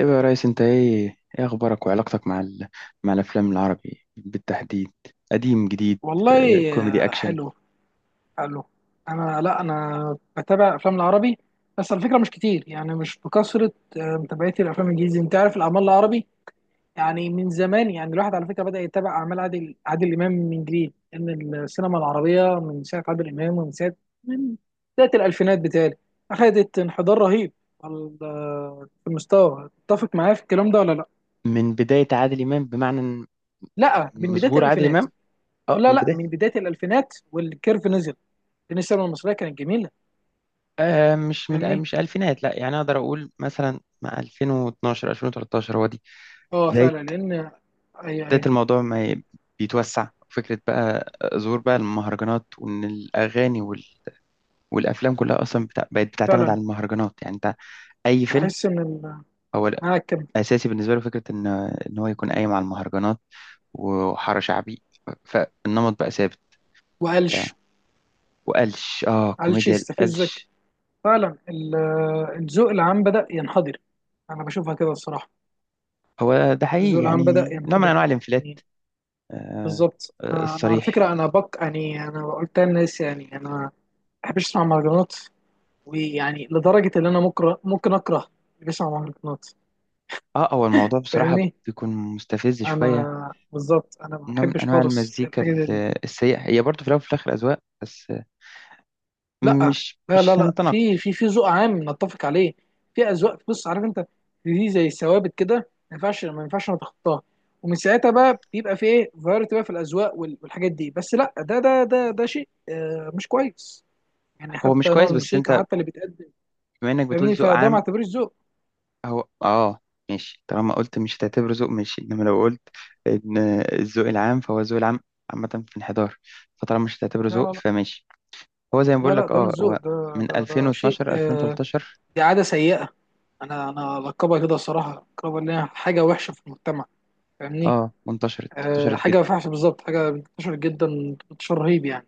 ايه بقى يا ريس، انت ايه اخبارك وعلاقتك مع الافلام العربي بالتحديد؟ قديم جديد. والله، آه، كوميدي اكشن. حلو حلو. لا انا بتابع افلام العربي، بس على فكره مش كتير، يعني مش بكثره. متابعتي الافلام الانجليزي، انت عارف الاعمال العربي يعني من زمان. يعني الواحد على فكره بدا يتابع اعمال عادل امام من جديد، ان السينما العربيه من ساعه عادل امام ومن ساعه من بدايه الالفينات بتاعي اخذت انحدار رهيب. في المستوى، تتفق معايا في الكلام ده ولا لا؟ من بداية عادل إمام بمعنى إن لا، من من بدايه ظهور عادل الالفينات. إمام. اه، لا من لا، بداية. من بدايه الالفينات والكيرف نزل، لان السينما المصريه كانت جميله. آه، مش من فاهمني. مش ألفينات، لا. يعني أقدر أقول مثلا مع 2012 2013 هو دي اه بداية فعلا، لان اي بداية اي الموضوع ما ي- بيتوسع فكرة بقى. ظهور بقى المهرجانات، وإن الأغاني والأفلام كلها أصلا بقت بتعتمد فعلا. على المهرجانات. يعني أنت أي فيلم تحس ان هو المعاكب اساسي بالنسبه له فكره ان هو يكون قايم على المهرجانات وحاره شعبي. فالنمط بقى ثابت وقلش. وقلش، قلش كوميديا يستفزك، القلش. فعلا. الذوق العام بدأ ينحدر. انا بشوفها كده الصراحه، هو ده حقيقي، الذوق العام يعني بدأ نوع من ينحدر، انواع الانفلات. يعني آه، بالظبط. آه، انا على الصريح. فكره، انا بق يعني انا قلت للناس، يعني انا ما بحبش اسمع مهرجانات. ويعني لدرجه ان انا ممكن اكره اللي بيسمع مهرجانات. اه، هو الموضوع بصراحه فاهمني. بيكون مستفز شويه. انا بالظبط، انا ما نوع من بحبش انواع خالص المزيكا الحاجه دي. السيئه، هي برضه في الاول وفي الاخر اذواق بس. لا مش لا لا مش لا هنتناقض. في في ذوق عام نتفق عليه. في اذواق، بص عارف انت، دي زي ثوابت كده، ما ينفعش نتخطاها ومن ساعتها بقى بيبقى في ايه، فاريتي بقى في الاذواق والحاجات دي. بس لا، ده شيء مش كويس، يعني هو مش حتى نوع كويس، بس الموسيقى، انت حتى اللي بيتقدم. بما انك بتقول فاهمني. ذوق فده ما عام. اعتبرش ذوق. هو اه، ماشي، طالما قلت مش هتعتبره ذوق ماشي، انما لو قلت ان الذوق العام، فهو الذوق العام عامة في انحدار. فطالما مش هتعتبره لا ذوق لا فماشي. هو زي ما لا بقول لا لا لك، ده مش اه ذوق، هو ده من ده ده شيء 2012 2013. دي عاده سيئه. انا القبها كده الصراحه، القبها اللي هي حاجه وحشه في المجتمع. فاهمني. اه، وانتشرت، انتشرت حاجه جدا. فحش بالظبط، حاجه انتشر جدا انتشار رهيب، يعني.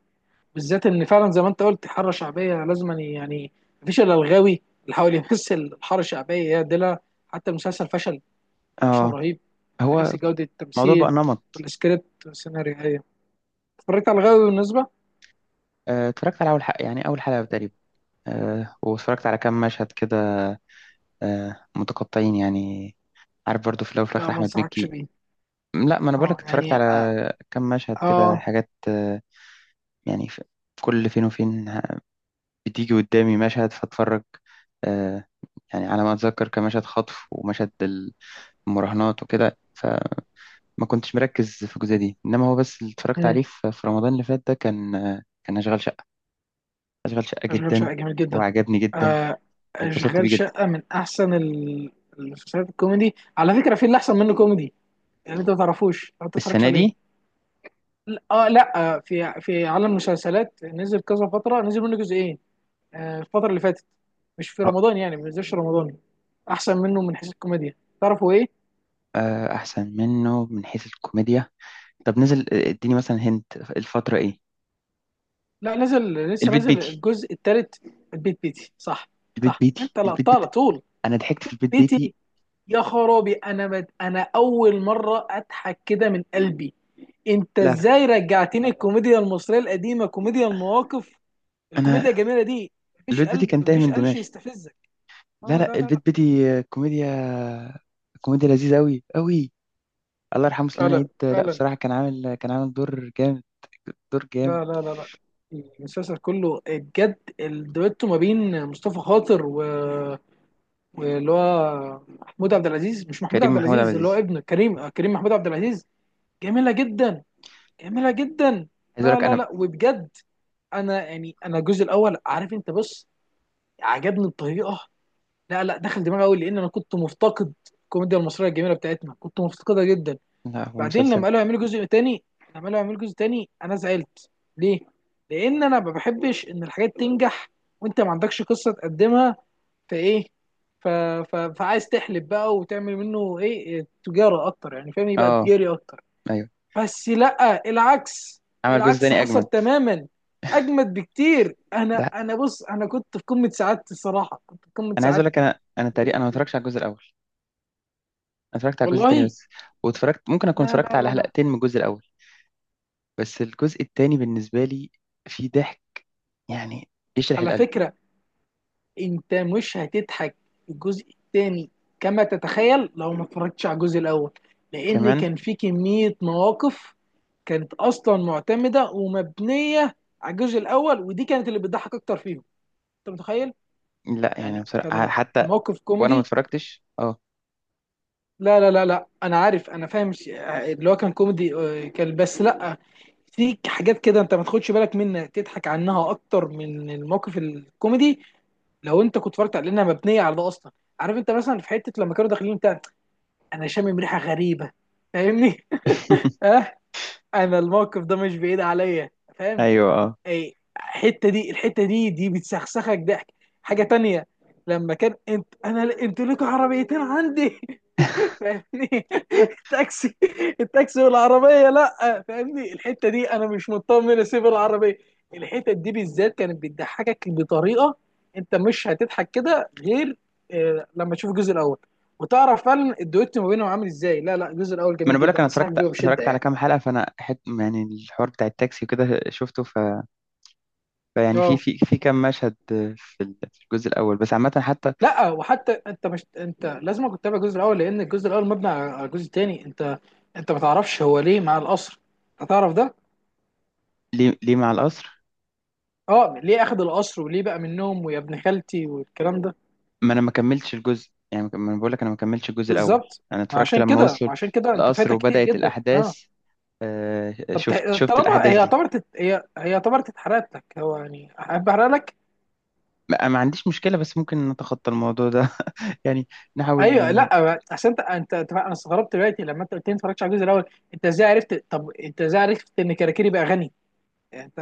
بالذات ان فعلا زي ما انت قلت، حاره شعبيه لازم يعني مفيش الا الغاوي اللي حاول يمثل الحاره الشعبيه يا دلع. حتى المسلسل فشل، فشل اه، رهيب من هو حيث جوده الموضوع بقى التمثيل نمط. والسكريبت والسيناريو. أيوة. اتفرجت على الغاوي، بالنسبه آه، اتفرجت على اول حلقة، يعني اول حلقة تقريبا. آه، واتفرجت على كام مشهد كده. آه، متقطعين يعني. عارف، برضو في الاول وفي لا الاخر ما احمد انصحكش مكي. بيه. لا، ما انا بقول اه لك، اتفرجت يعني على اه, كام مشهد كده، آه. حاجات آه، يعني في كل فين وفين. بتيجي قدامي مشهد فاتفرج. آه، يعني على ما أتذكر كان مشهد خطف ومشهد المراهنات وكده، فما كنتش مركز في الجزئية دي. إنما هو بس اللي اتفرجت مم، عليه في رمضان اللي فات ده كان، آه، كان أشغال شقة. أشغال شقة اشغال جدا، شقه جميل جدا. وعجبني جدا آه، واتبسطت اشغال بيه جدا. شقه من احسن المسلسلات الكوميدي، على فكره، في اللي احسن منه كوميدي، يعني. انت ما تعرفوش لو انت ما تتفرجش السنة عليه. دي. اه لا، في عالم المسلسلات نزل كذا فتره، نزل منه جزئين، الفتره اللي فاتت، مش في أه، رمضان يعني، ما نزلش رمضان. احسن منه من حيث الكوميديا. تعرفوا ايه؟ آه، أحسن منه من حيث الكوميديا. طب نزل، آه، اديني مثلا. هنت الفترة إيه؟ لا نزل، لسه البيت نازل بيتي، الجزء الثالث. البيت بيتي، صح. البيت صح، بيتي، انت البيت لقطتها على بيتي. طول، أنا ضحكت في البيت بيتي. بيتي. يا خرابي، انا انا اول مره اضحك كده من قلبي. انت لا لا، ازاي رجعتني الكوميديا المصريه القديمه، كوميديا المواقف، الكوميديا أنا الجميله دي. مفيش البيت بيتي قلب، كان تايه مفيش من قلش دماغي. يستفزك. لا اه لا، لا لا لا. البيت بيتي آه، كوميديا لذيذة أوي أوي. الله يرحمه سليمان فعلا عيد، آه، لا فعلا. بصراحة، كان عامل دور جامد. دور جامد. لا لا لا لا. المسلسل كله بجد الدويتو ما بين مصطفى خاطر و... واللي هو محمود عبد العزيز، مش محمود كريم عبد محمود عبد العزيز اللي هو العزيز. ابنه، كريم، كريم محمود عبد العزيز. جميلة جدا، جميلة جدا. عايز أقول لا لك لا أنا. لا، وبجد انا، يعني انا الجزء الاول، عارف انت، بص، عجبني بطريقة. لا لا، دخل دماغي قوي لان انا كنت مفتقد الكوميديا المصرية الجميلة بتاعتنا، كنت مفتقدها جدا. لا هو بعدين لما مسلسل. قالوا يعملوا جزء تاني، لما قالوا يعملوا جزء تاني انا زعلت. ليه؟ لان انا ما بحبش ان الحاجات تنجح وانت ما عندكش قصه تقدمها. فايه، ف... فعايز تحلب بقى، وتعمل منه ايه، تجاره اكتر، يعني فاهم، يبقى أه. تجاري اكتر. أيوه. بس لا، العكس، عمل جزء العكس تاني حصل أجمد. تماما. اجمد بكتير. انا ده، انا بص، انا كنت في قمه سعادتي الصراحه، كنت في قمه أنا عايز أقول لك، سعادتي أنا في الجزء تقريبا أنا ما التاني. اتفرجتش على الجزء الأول. أنا اتفرجت على الجزء التاني والله. بس. واتفرجت، ممكن أكون لا اتفرجت لا لا على لا. حلقتين من الجزء الأول. بس الجزء التاني بالنسبة لي فيه ضحك، يعني يشرح على القلب. فكره انت مش هتضحك الجزء الثاني كما تتخيل لو ما اتفرجتش على الجزء الاول، لان كمان. كان في كمية مواقف كانت اصلا معتمدة ومبنية على الجزء الاول، ودي كانت اللي بتضحك اكتر فيهم. انت متخيل، لا يعني يعني بصراحة كان حتى، الموقف وأنا ما كوميدي. اتفرجتش. لا لا لا لا، انا عارف، انا فاهم اللي هو كان كوميدي، كان، بس لا، في حاجات كده انت ما تاخدش بالك منها، تضحك عنها اكتر من الموقف الكوميدي، لو انت كنت اتفرجت على، لانها مبنيه على ده اصلا. عارف انت، مثلا في حته لما كانوا داخلين بتاع، انا شامم ريحه غريبه. فاهمني. اه، انا الموقف ده مش بعيد عليا، فاهم. ايوه، اه. اي الحته دي، الحته دي بتسخسخك ضحك. حاجه تانية، لما كان انت انا انتوا لكم عربيتين عندي. فاهمني، التاكسي التاكسي والعربيه، لا فاهمني، الحته دي انا مش مطمن اسيب العربيه. الحته دي بالذات كانت بتضحكك بطريقه، انت مش هتضحك كده غير لما تشوف الجزء الاول، وتعرف فعلا الدويت ما بينهم عامل ازاي. لا لا، الجزء الاول ما انا جميل بقول لك، جدا، انا انصحك اتفرجت بيه بشده، اتفرجت على يعني. كام حلقه. فانا حت، يعني الحوار بتاع التاكسي وكده شفته. فيعني في اه في في كام مشهد في الجزء الاول، بس عامه حتى. لا، وحتى انت مش، انت لازم كنت تتابع الجزء الاول، لان الجزء الاول مبني على الجزء الثاني. انت ما تعرفش هو ليه مع القصر، انت تعرف ده؟ ليه، ليه مع القصر؟ اه، ليه اخذ القصر وليه بقى منهم ويا ابن خالتي والكلام ده. ما انا ما كملتش الجزء، يعني ما انا بقول لك، انا ما كملتش الجزء الاول. بالظبط. انا اتفرجت لما وصلوا ما عشان كده انت القصر فايتك كتير وبدات جدا، الاحداث. اه. آه، طب شفت شفت طالما الاحداث هي دي. اعتبرت، هي اعتبرت اتحرقت لك، هو يعني احب احرق لك. ما عنديش مشكله، بس ممكن نتخطى الموضوع ده يعني. نحاول. ايوه، لا عشان انت انت انا استغربت دلوقتي لما انت قلت لي ما اتفرجتش على الجزء الاول. انت ازاي عرفت؟ طب انت ازاي عرفت ان كاراكيري بقى غني؟ انت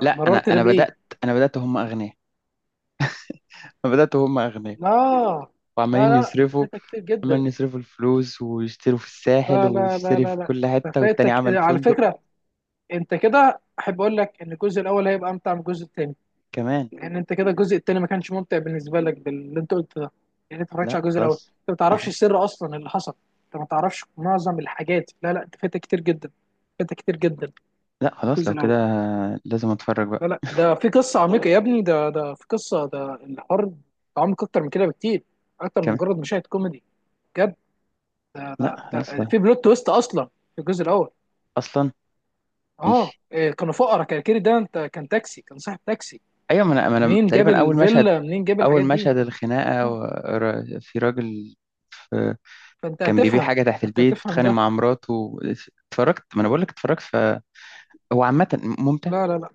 لا، انا مررت ده انا بايه؟ بدات. انا بدات هم اغنياء. انا بدات هم اغنياء، آه. لا وعمالين لا لا، انت يصرفوا. فايتك كتير جدا. عمال يصرفوا الفلوس ويشتروا في الساحل، لا لا لا وتشتري لا في لا كل انت حتة، والتاني فايتك عمل على فندق. فكره. انت كده، احب اقول لك ان الجزء الاول هيبقى امتع من الجزء الثاني، كمان. لان انت كده الجزء الثاني ما كانش ممتع بالنسبه لك باللي انت قلت ده. يعني انت ما اتفرجتش لا على الجزء الاول، خلاص. انت ما تعرفش نح- السر اصلا اللي حصل، انت ما تعرفش معظم الحاجات. لا لا، انت فايتك كتير جدا، فايتك كتير جدا. لا خلاص، لو الجزء كده الاول، لازم اتفرج بقى. لا لا، ده في قصه عميقه يا ابني، ده في قصه، ده الحوار عمق اكتر من كده بكتير، اكتر من كمان. مجرد مشاهد كوميدي. ده لا ده خلاص. ده لا. في بلوت تويست اصلا في الجزء الاول. اصلا. اه ماشي. إيه، كانوا فقراء، كان كيري ده، انت، كان تاكسي، كان صاحب تاكسي. ايوه، ما انا، ما انا منين جاب تقريبا اول مشهد، الفيلا؟ منين جاب اول الحاجات دي؟ مشهد الخناقة، آه، في راجل، في، فانت كان بيبيع هتفهم، حاجة تحت انت البيت، هتفهم بيتخانق ده. مع مراته. اتفرجت، ما انا بقول لك اتفرجت. فهو عامة ممتع، لا لا لا،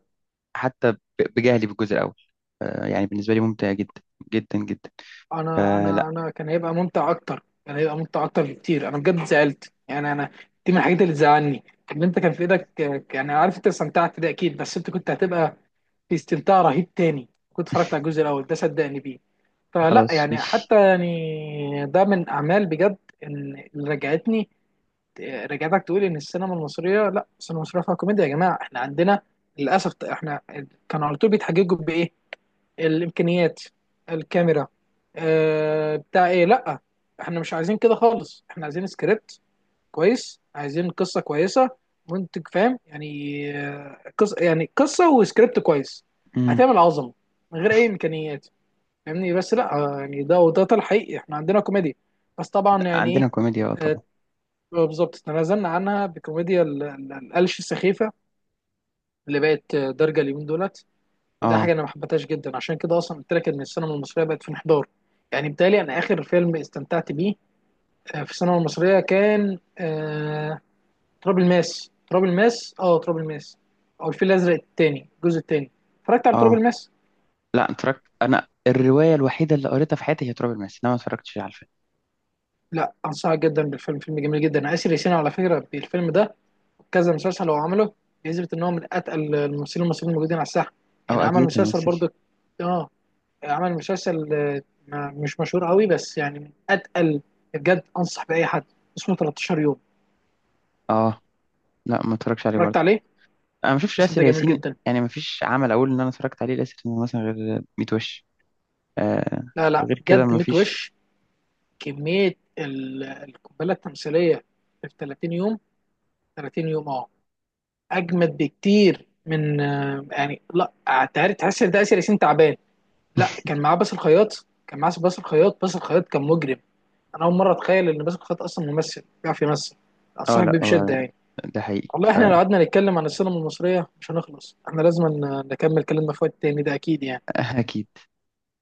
حتى بجهلي بالجزء الاول. آه، يعني بالنسبة لي ممتع جدا، جدا جدا. انا آه. لا انا انا كان هيبقى ممتع اكتر، كان هيبقى ممتع اكتر بكتير. انا بجد زعلت، يعني انا، دي من الحاجات اللي تزعلني، ان انت كان في ايدك. يعني عارف انت استمتعت، ده اكيد، بس انت كنت هتبقى في استمتاع رهيب تاني كنت اتفرجت على الجزء الاول ده، صدقني بيه. فلا، خلاص. يعني حتى يعني ده من اعمال بجد. إن- اللي رجعتني، رجعتك تقول ان السينما المصريه، لا السينما المصريه فيها كوميديا يا جماعه، احنا عندنا، للاسف احنا كانوا على طول بيتحججوا بايه، الامكانيات، الكاميرا، آه بتاع ايه. لا احنا مش عايزين كده خالص، احنا عايزين سكريبت كويس، عايزين قصه كويسه، منتج فاهم، يعني قص يعني قصه وسكريبت كويس، امم. هتعمل عظمه من غير اي امكانيات. فاهمني. بس لا يعني ده وده ده الحقيقي، احنا عندنا كوميديا، بس طبعا يعني ايه؟ عندنا كوميديا، اه آه، طبعا. بالظبط، تنازلنا عنها بكوميديا القلش السخيفه اللي بقت دارجه اليومين دولت. وده اه. حاجه انا ما حبيتهاش جدا، عشان كده اصلا قلت لك ان السينما المصريه بقت في انحدار، يعني. بالتالي انا اخر فيلم استمتعت بيه في السينما المصريه كان تراب الماس، تراب الماس، اه تراب الماس، او الفيل الازرق التاني، الجزء التاني. اتفرجت على تراب اه الماس. لا، اتفرجت. انا الروايه الوحيده اللي قريتها في حياتي هي تراب الماس، انا ما اتفرجتش على الفيلم. لا، انصحك جدا بالفيلم، فيلم جميل جدا. اسر ياسين على فكره بالفيلم ده، كذا مسلسل هو عمله، يثبت ان هو من اتقل الممثلين المصريين الموجودين على الساحه. او يعني عمل اكيد مسلسل ممثل. برضه، اه، عمل مسلسل مش مشهور قوي، بس يعني من اتقل. بجد انصح باي حد، اسمه 13 يوم، اه لا، ما اتفرجش عليه اتفرجت برضه. عليه، انا ما شفتش المسلسل ياسر ده جميل ياسين. جدا. يعني ما فيش عمل اقول ان انا اتفرجت عليه لاسر ياسين مثلا، غير 100 وش. آه. لا لا غير كده بجد، ما ميت فيش. وش، كميه القنبله التمثيليه في 30 يوم، 30 يوم، اه. اجمد بكتير من يعني لا، تعرف تحس ان ده اسر ياسين تعبان. لا كان معاه باسل الخياط، كان معاه باسل الخياط، باسل الخياط كان مجرم. انا اول مره اتخيل ان باسل الخياط اصلا ممثل بيعرف يمثل. اه انصحك لا، بيه بشده، هو يعني. ده حقيقي. والله احنا لو قعدنا نتكلم عن السينما المصريه مش هنخلص، احنا لازم نكمل كلامنا في وقت تاني، ده اكيد يعني. فاكيد